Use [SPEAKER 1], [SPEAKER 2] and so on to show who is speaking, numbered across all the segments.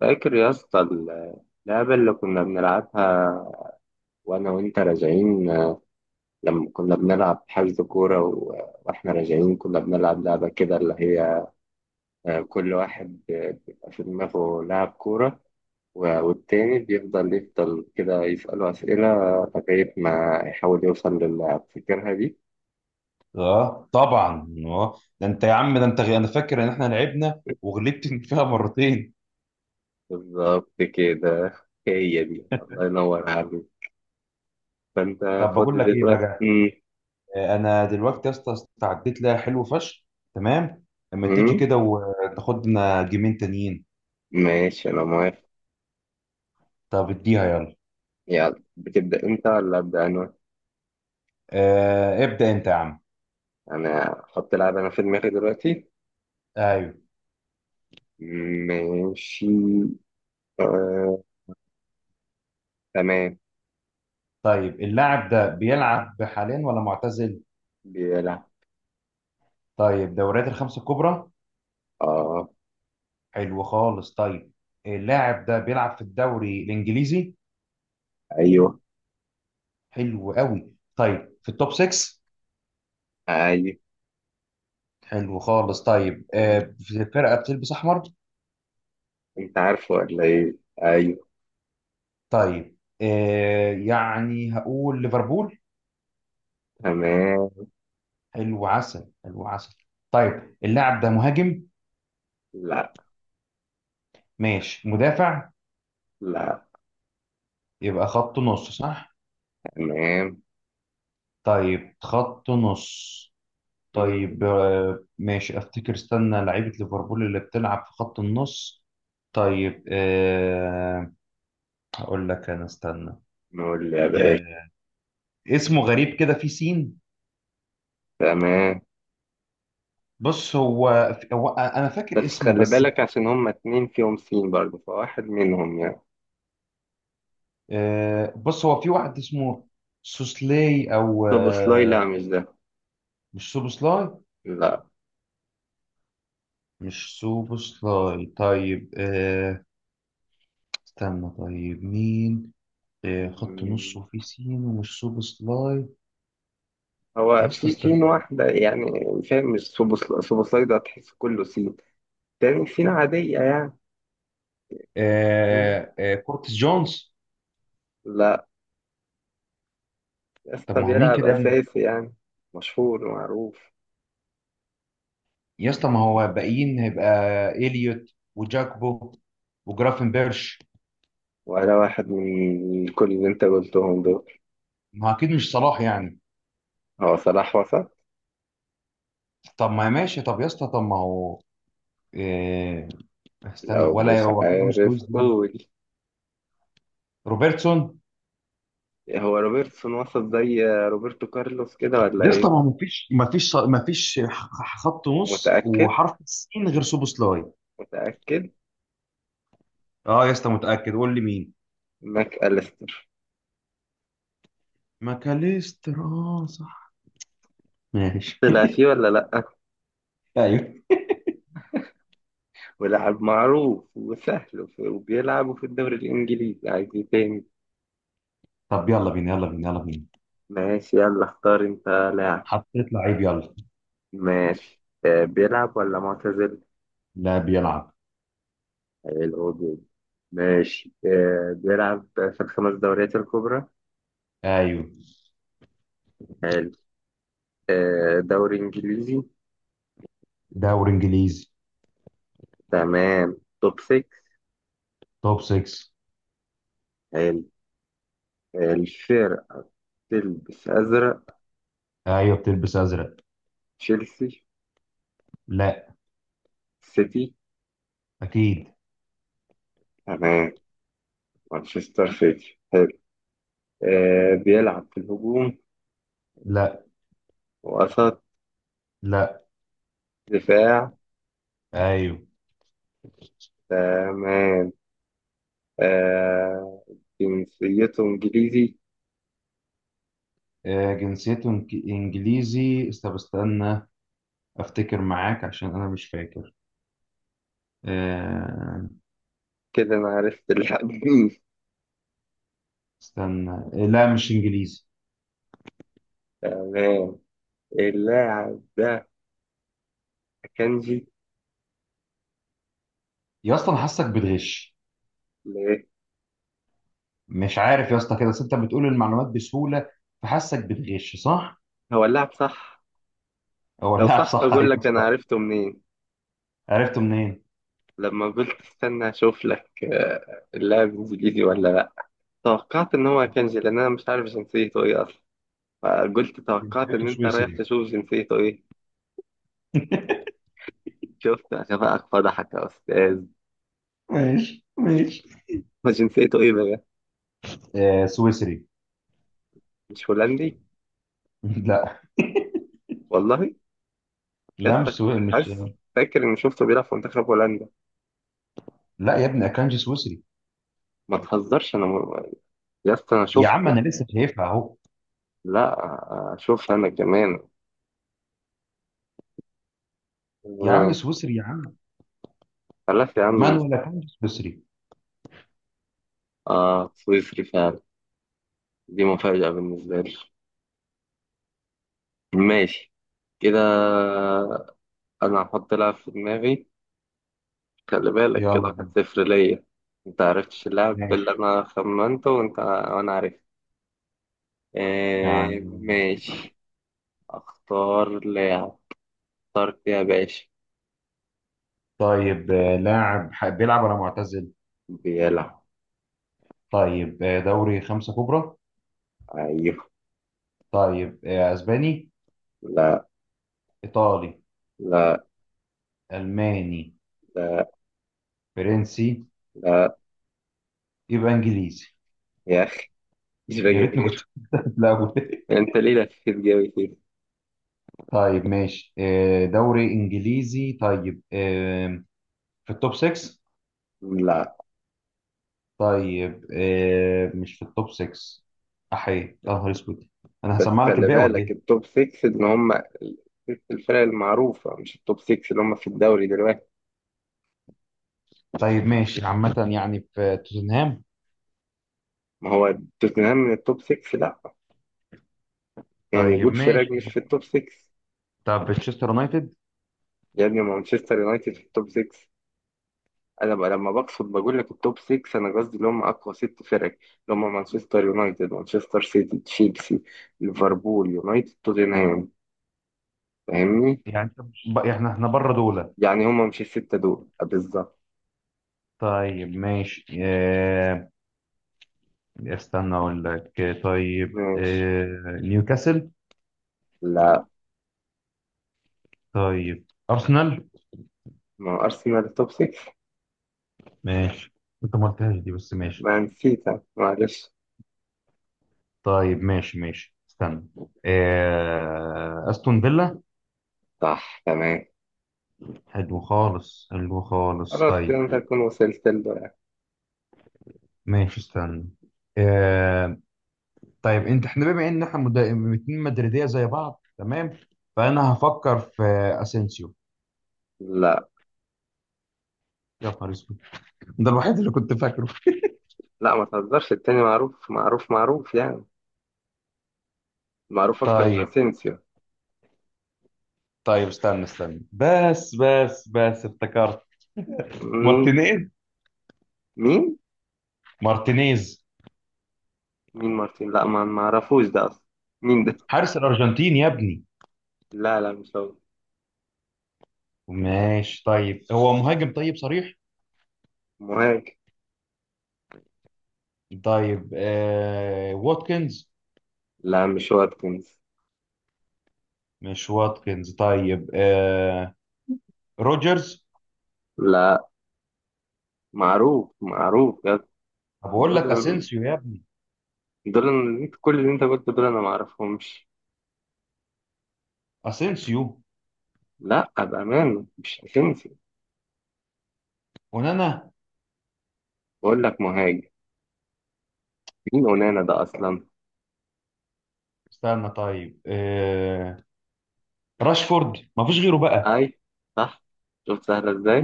[SPEAKER 1] فاكر يا اسطى اللعبة اللي كنا بنلعبها وأنا وأنت راجعين؟ لما كنا بنلعب حجز كورة وإحنا راجعين كنا بنلعب لعبة كده اللي هي كل واحد بيبقى في دماغه لاعب كورة والتاني بيفضل يفضل كده يسأله أسئلة لغاية ما يحاول يوصل للاعب، فاكرها دي؟
[SPEAKER 2] اه طبعا ده انت يا عم، ده انت انا فاكر ان احنا لعبنا وغلبت فيها مرتين.
[SPEAKER 1] بالظبط كده، هي دي، الله ينور عليك. فأنت
[SPEAKER 2] طب بقول
[SPEAKER 1] فاضي
[SPEAKER 2] لك ايه
[SPEAKER 1] دلوقتي؟
[SPEAKER 2] بقى؟ انا دلوقتي يا اسطى استعديت لها حلو فشخ. تمام، اما تيجي
[SPEAKER 1] مم.
[SPEAKER 2] كده وتاخد لنا جيمين تانيين.
[SPEAKER 1] ماشي أنا موافق.
[SPEAKER 2] طب اديها يلا.
[SPEAKER 1] يلا، بتبدأ انت ولا أبدأ انا؟
[SPEAKER 2] ابدا انت يا عم.
[SPEAKER 1] انا احط لعبة انا في دماغي دلوقتي.
[SPEAKER 2] ايوه.
[SPEAKER 1] ماشي. آه. تمام.
[SPEAKER 2] طيب اللاعب ده بيلعب حاليا ولا معتزل؟
[SPEAKER 1] بيلعب.
[SPEAKER 2] طيب، دوريات الخمسه الكبرى.
[SPEAKER 1] اه.
[SPEAKER 2] حلو خالص، طيب. اللاعب ده بيلعب في الدوري الانجليزي.
[SPEAKER 1] ايوه.
[SPEAKER 2] حلو قوي، طيب، في التوب 6.
[SPEAKER 1] ايوه.
[SPEAKER 2] حلو خالص، طيب.
[SPEAKER 1] م،
[SPEAKER 2] في فرقة بتلبس أحمر.
[SPEAKER 1] انت عارفه ولا ايه؟ ايوه.
[SPEAKER 2] طيب، يعني هقول ليفربول.
[SPEAKER 1] تمام.
[SPEAKER 2] حلو عسل، حلو عسل. طيب اللاعب ده مهاجم؟
[SPEAKER 1] لا.
[SPEAKER 2] ماشي، مدافع؟
[SPEAKER 1] لا.
[SPEAKER 2] يبقى خط نص، صح؟
[SPEAKER 1] تمام.
[SPEAKER 2] طيب، خط نص.
[SPEAKER 1] م،
[SPEAKER 2] طيب ماشي، أفتكر، استنى لعيبة ليفربول اللي بتلعب في خط النص. طيب هقول لك أنا، استنى.
[SPEAKER 1] نقول يا باشا.
[SPEAKER 2] آه، اسمه غريب كده، في سين.
[SPEAKER 1] تمام.
[SPEAKER 2] بص هو هو انا
[SPEAKER 1] بس
[SPEAKER 2] فاكر اسمه
[SPEAKER 1] خلي
[SPEAKER 2] بس.
[SPEAKER 1] بالك عشان هما اتنين فيهم سين برضه، فواحد منهم يعني.
[SPEAKER 2] بص هو في واحد اسمه سوسلاي او
[SPEAKER 1] طب سلاي، لا
[SPEAKER 2] آه،
[SPEAKER 1] مش ده.
[SPEAKER 2] مش سوبوسلاي.
[SPEAKER 1] لا،
[SPEAKER 2] مش سوبوسلاي، طيب. استنى، طيب مين؟ خط نص وفي سين ومش سوبوسلاي.
[SPEAKER 1] هو
[SPEAKER 2] يا اسطى
[SPEAKER 1] في سين
[SPEAKER 2] استنى.
[SPEAKER 1] واحدة يعني. فاهم؟ مش سوبوسلايدا تحس كله سين. تاني سين عادية يعني. مم.
[SPEAKER 2] كورتس جونز.
[SPEAKER 1] لا.
[SPEAKER 2] طب
[SPEAKER 1] يسطا
[SPEAKER 2] ما هو مين
[SPEAKER 1] بيلعب
[SPEAKER 2] كده يا ابني؟
[SPEAKER 1] أساسي يعني، مشهور ومعروف.
[SPEAKER 2] يا اسطى ما هو باقيين هيبقى اليوت وجاكبو وجرافن بيرش.
[SPEAKER 1] ولا واحد من كل اللي انت قلتهم دول.
[SPEAKER 2] ما هو اكيد مش صلاح يعني.
[SPEAKER 1] هو صلاح وسط؟
[SPEAKER 2] طب ما ماشي، طب يا اسطى، طب ما هو، آه، استنى،
[SPEAKER 1] لو
[SPEAKER 2] ولا
[SPEAKER 1] مش
[SPEAKER 2] هو اكيد مش
[SPEAKER 1] عارف
[SPEAKER 2] لوز دي،
[SPEAKER 1] قول.
[SPEAKER 2] روبرتسون.
[SPEAKER 1] هو روبرتسون وسط زي روبرتو كارلوس كده ولا
[SPEAKER 2] يا
[SPEAKER 1] ايه؟
[SPEAKER 2] اسطى ما مفيش مفيش مفيش، خط نص
[SPEAKER 1] متأكد؟
[SPEAKER 2] وحرف السين غير سوبوسلاي.
[SPEAKER 1] متأكد.
[SPEAKER 2] اه يا اسطى متاكد، قول لي مين.
[SPEAKER 1] ماك أليستر.
[SPEAKER 2] ماكاليستر، اه صح، ماشي.
[SPEAKER 1] طلع فيه ولا لأ؟
[SPEAKER 2] ايوه.
[SPEAKER 1] ولاعب معروف وسهل وبيلعبوا في الدوري الإنجليزي، عايز ايه تاني؟
[SPEAKER 2] طب يلا بينا يلا بينا يلا بينا.
[SPEAKER 1] ماشي، يلا اختار انت لاعب.
[SPEAKER 2] حطيت لعيب، يلا.
[SPEAKER 1] ماشي. بيلعب ولا معتزل؟
[SPEAKER 2] لا، بيلعب.
[SPEAKER 1] حلو جدا. ماشي. بيلعب في الخمس دوريات الكبرى؟
[SPEAKER 2] ايوه.
[SPEAKER 1] حلو. دوري إنجليزي؟
[SPEAKER 2] دوري انجليزي.
[SPEAKER 1] تمام، توب 6.
[SPEAKER 2] توب 6.
[SPEAKER 1] حلو. آه، الفرق تلبس أزرق؟
[SPEAKER 2] ايوه، بتلبس ازرق.
[SPEAKER 1] تشيلسي؟
[SPEAKER 2] لا.
[SPEAKER 1] سيتي؟
[SPEAKER 2] اكيد.
[SPEAKER 1] تمام، مانشستر سيتي. حلو. بيلعب في الهجوم؟
[SPEAKER 2] لا.
[SPEAKER 1] وسط؟
[SPEAKER 2] لا.
[SPEAKER 1] دفاع؟
[SPEAKER 2] ايوه.
[SPEAKER 1] تمام. آه، جنسيته إنجليزي؟
[SPEAKER 2] آه، جنسيته انجليزي، استنى استنى، افتكر معاك عشان انا مش فاكر. آه،
[SPEAKER 1] كده أنا عرفت اللاعب مين.
[SPEAKER 2] استنى. لا، مش انجليزي.
[SPEAKER 1] تمام. اللاعب ده كانجي.
[SPEAKER 2] يا اسطى، انا حاسك بتغش.
[SPEAKER 1] ليه؟
[SPEAKER 2] مش عارف يا اسطى كده، بس انت بتقول المعلومات بسهوله، فحاسك بتغش، صح؟
[SPEAKER 1] هو اللاعب صح؟
[SPEAKER 2] هو
[SPEAKER 1] لو
[SPEAKER 2] اللاعب
[SPEAKER 1] صح،
[SPEAKER 2] صح؟
[SPEAKER 1] بقول
[SPEAKER 2] ايوه
[SPEAKER 1] لك أنا
[SPEAKER 2] صح.
[SPEAKER 1] عرفته منين.
[SPEAKER 2] عرفته منين؟
[SPEAKER 1] لما قلت استنى أشوف لك اللاعب إنجليزي ولا لأ، توقعت إن هو كانجي لأن أنا مش عارف جنسيته إيه أصلا. فقلت توقعت إن
[SPEAKER 2] جنسيته
[SPEAKER 1] أنت رايح
[SPEAKER 2] سويسري.
[SPEAKER 1] تشوف جنسيته إيه. شفت؟ عشان بقى فضحك يا أستاذ.
[SPEAKER 2] ماشي ماشي.
[SPEAKER 1] هو جنسيته إيه بقى؟
[SPEAKER 2] سويسري.
[SPEAKER 1] مش هولندي؟
[SPEAKER 2] لا.
[SPEAKER 1] والله؟
[SPEAKER 2] لا، مش
[SPEAKER 1] يسطا كنت
[SPEAKER 2] سوي... مش
[SPEAKER 1] حاسس، فاكر اني شفته بيلعب في منتخب هولندا.
[SPEAKER 2] لا يا ابني، اكانجي سويسري.
[SPEAKER 1] ما تهزرش، انا. يسطا انا
[SPEAKER 2] يا عم
[SPEAKER 1] شفته.
[SPEAKER 2] انا لسه شايفها اهو.
[SPEAKER 1] لا، شفت انا كمان.
[SPEAKER 2] يا عم،
[SPEAKER 1] آه،
[SPEAKER 2] سويسري يا عم.
[SPEAKER 1] خلاص يا عم.
[SPEAKER 2] مانويل اكانجي سويسري.
[SPEAKER 1] اه، سويسري فعلا. دي مفاجأة بالنسبة لي. ماشي. كده انا هحط لعب في دماغي. خلي بالك كده،
[SPEAKER 2] يلا
[SPEAKER 1] واحد
[SPEAKER 2] بينا.
[SPEAKER 1] صفر ليا. انت عرفتش اللعب اللي
[SPEAKER 2] ماشي.
[SPEAKER 1] انا خمنته، وانت، وانا عرفت. آه،
[SPEAKER 2] يعني،
[SPEAKER 1] ماشي. اختار لاعب. اخترت يا باشا.
[SPEAKER 2] طيب، لاعب بيلعب ولا معتزل؟
[SPEAKER 1] بيلعب.
[SPEAKER 2] طيب، دوري خمسة كبرى.
[SPEAKER 1] ايوه.
[SPEAKER 2] طيب، اسباني؟
[SPEAKER 1] لا.
[SPEAKER 2] ايطالي؟
[SPEAKER 1] لا.
[SPEAKER 2] الماني؟
[SPEAKER 1] لا.
[SPEAKER 2] فرنسي؟
[SPEAKER 1] لا.
[SPEAKER 2] يبقى انجليزي.
[SPEAKER 1] يا أخي، مش باجي
[SPEAKER 2] يا ريتني كنت
[SPEAKER 1] غير
[SPEAKER 2] في الاول.
[SPEAKER 1] أنت، ليه لفيت جوي كده؟
[SPEAKER 2] طيب ماشي، دوري انجليزي. طيب في التوب 6.
[SPEAKER 1] لا.
[SPEAKER 2] طيب مش في التوب 6. احيي، يا نهار اسود. انا
[SPEAKER 1] بس
[SPEAKER 2] هسمع لك
[SPEAKER 1] خلي
[SPEAKER 2] الباقي ولا
[SPEAKER 1] بالك
[SPEAKER 2] ايه؟
[SPEAKER 1] التوب 6 إن هم ست الفرق المعروفة، مش التوب 6 اللي هم في الدوري دلوقتي.
[SPEAKER 2] طيب ماشي، عامة يعني في توتنهام.
[SPEAKER 1] ما هو توتنهام من التوب 6، لا. يعني
[SPEAKER 2] طيب
[SPEAKER 1] جود فراج
[SPEAKER 2] ماشي،
[SPEAKER 1] مش في التوب 6؟
[SPEAKER 2] طب تشيستر يونايتد.
[SPEAKER 1] يا ابني مانشستر يونايتد في التوب 6. أنا بقى لما بقصد بقول لك التوب 6، أنا قصدي اللي هم أقوى ست فرق، اللي هم مانشستر يونايتد، مانشستر سيتي، تشيلسي، ليفربول يونايتد، توتنهام. فاهمني؟
[SPEAKER 2] يعني احنا بره دولة.
[SPEAKER 1] يعني هما مش الستة دول بالظبط.
[SPEAKER 2] طيب ماشي، اه، استنى اقول لك. طيب
[SPEAKER 1] ماشي.
[SPEAKER 2] اه، نيوكاسل.
[SPEAKER 1] لا.
[SPEAKER 2] طيب، ارسنال،
[SPEAKER 1] ما هو أرسنال توب 6.
[SPEAKER 2] ماشي. انت ما قلتهاش دي بس ماشي.
[SPEAKER 1] ما نسيتها معلش.
[SPEAKER 2] طيب ماشي ماشي، استنى، اه، استون فيلا.
[SPEAKER 1] صح، تمام.
[SPEAKER 2] حلو خالص حلو خالص،
[SPEAKER 1] خلاص كده أنت
[SPEAKER 2] طيب
[SPEAKER 1] تكون وصلت له يعني.
[SPEAKER 2] ماشي، استنى اه. طيب انت، احنا بما ان احنا اتنين مدريدية زي بعض تمام، فانا هفكر في اسينسيو.
[SPEAKER 1] لا.
[SPEAKER 2] يا نهار اسود، ده الوحيد اللي كنت فاكره.
[SPEAKER 1] لا، ما تهزرش، التاني معروف معروف معروف يعني، معروف أكتر من
[SPEAKER 2] طيب،
[SPEAKER 1] أسينسيو.
[SPEAKER 2] طيب، استنى استنى، بس بس بس، افتكرت
[SPEAKER 1] مم.
[SPEAKER 2] مارتينيز.
[SPEAKER 1] مين؟
[SPEAKER 2] مارتينيز،
[SPEAKER 1] مين مارتين؟ لا، ما أعرفوش ده أصلا. مين ده؟
[SPEAKER 2] حارس الأرجنتين يا ابني.
[SPEAKER 1] لا لا، مش هو.
[SPEAKER 2] ماشي، طيب هو مهاجم؟ طيب، صريح.
[SPEAKER 1] مهاجم.
[SPEAKER 2] طيب واتكنز.
[SPEAKER 1] لا مش واتكنز.
[SPEAKER 2] مش واتكنز. طيب روجرز.
[SPEAKER 1] لا، معروف معروف بجد.
[SPEAKER 2] طب اقول
[SPEAKER 1] دول،
[SPEAKER 2] لك اسينسيو يا ابني.
[SPEAKER 1] دول كل اللي انت قلته دول انا ما اعرفهمش.
[SPEAKER 2] اسينسيو،
[SPEAKER 1] لا بأمانة، مش اسينسيو.
[SPEAKER 2] ونانا.
[SPEAKER 1] بقول لك مهاجم. مين اونانا ده اصلا؟
[SPEAKER 2] استنى، طيب راشفورد، ما فيش غيره بقى.
[SPEAKER 1] اي. صح. شوف سهله ازاي.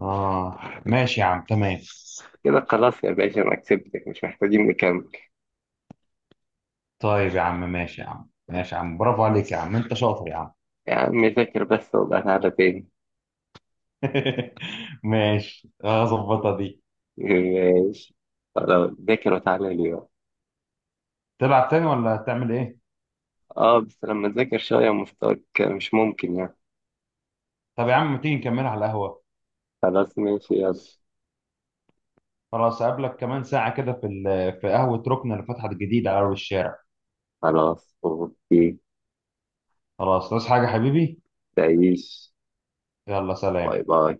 [SPEAKER 2] اه. ماشي يا عم، تمام.
[SPEAKER 1] كده خلاص يا باشا، انا كسبتك، مش محتاجين نكمل.
[SPEAKER 2] طيب يا عم، ماشي يا عم، ماشي يا عم، برافو عليك يا عم، انت شاطر يا عم.
[SPEAKER 1] يا عم ذاكر بس وابقى تعالى تاني.
[SPEAKER 2] ماشي، هظبطها دي.
[SPEAKER 1] ماشي. خلاص، ذاكر وتعالى لي بقى.
[SPEAKER 2] تلعب تاني ولا تعمل ايه؟
[SPEAKER 1] اه، بس لما تذاكر شويه، مستواك مش ممكن يعني.
[SPEAKER 2] طب يا عم، ما تيجي نكملها على القهوة.
[SPEAKER 1] خلاص ماشي يلا.
[SPEAKER 2] خلاص، أقابلك كمان ساعة كده في في قهوة ركن اللي فتحت جديد على أول الشارع.
[SPEAKER 1] خلاص اوكي.
[SPEAKER 2] خلاص، عايز حاجة حبيبي؟
[SPEAKER 1] تعيش.
[SPEAKER 2] يلا
[SPEAKER 1] باي
[SPEAKER 2] سلام.
[SPEAKER 1] باي.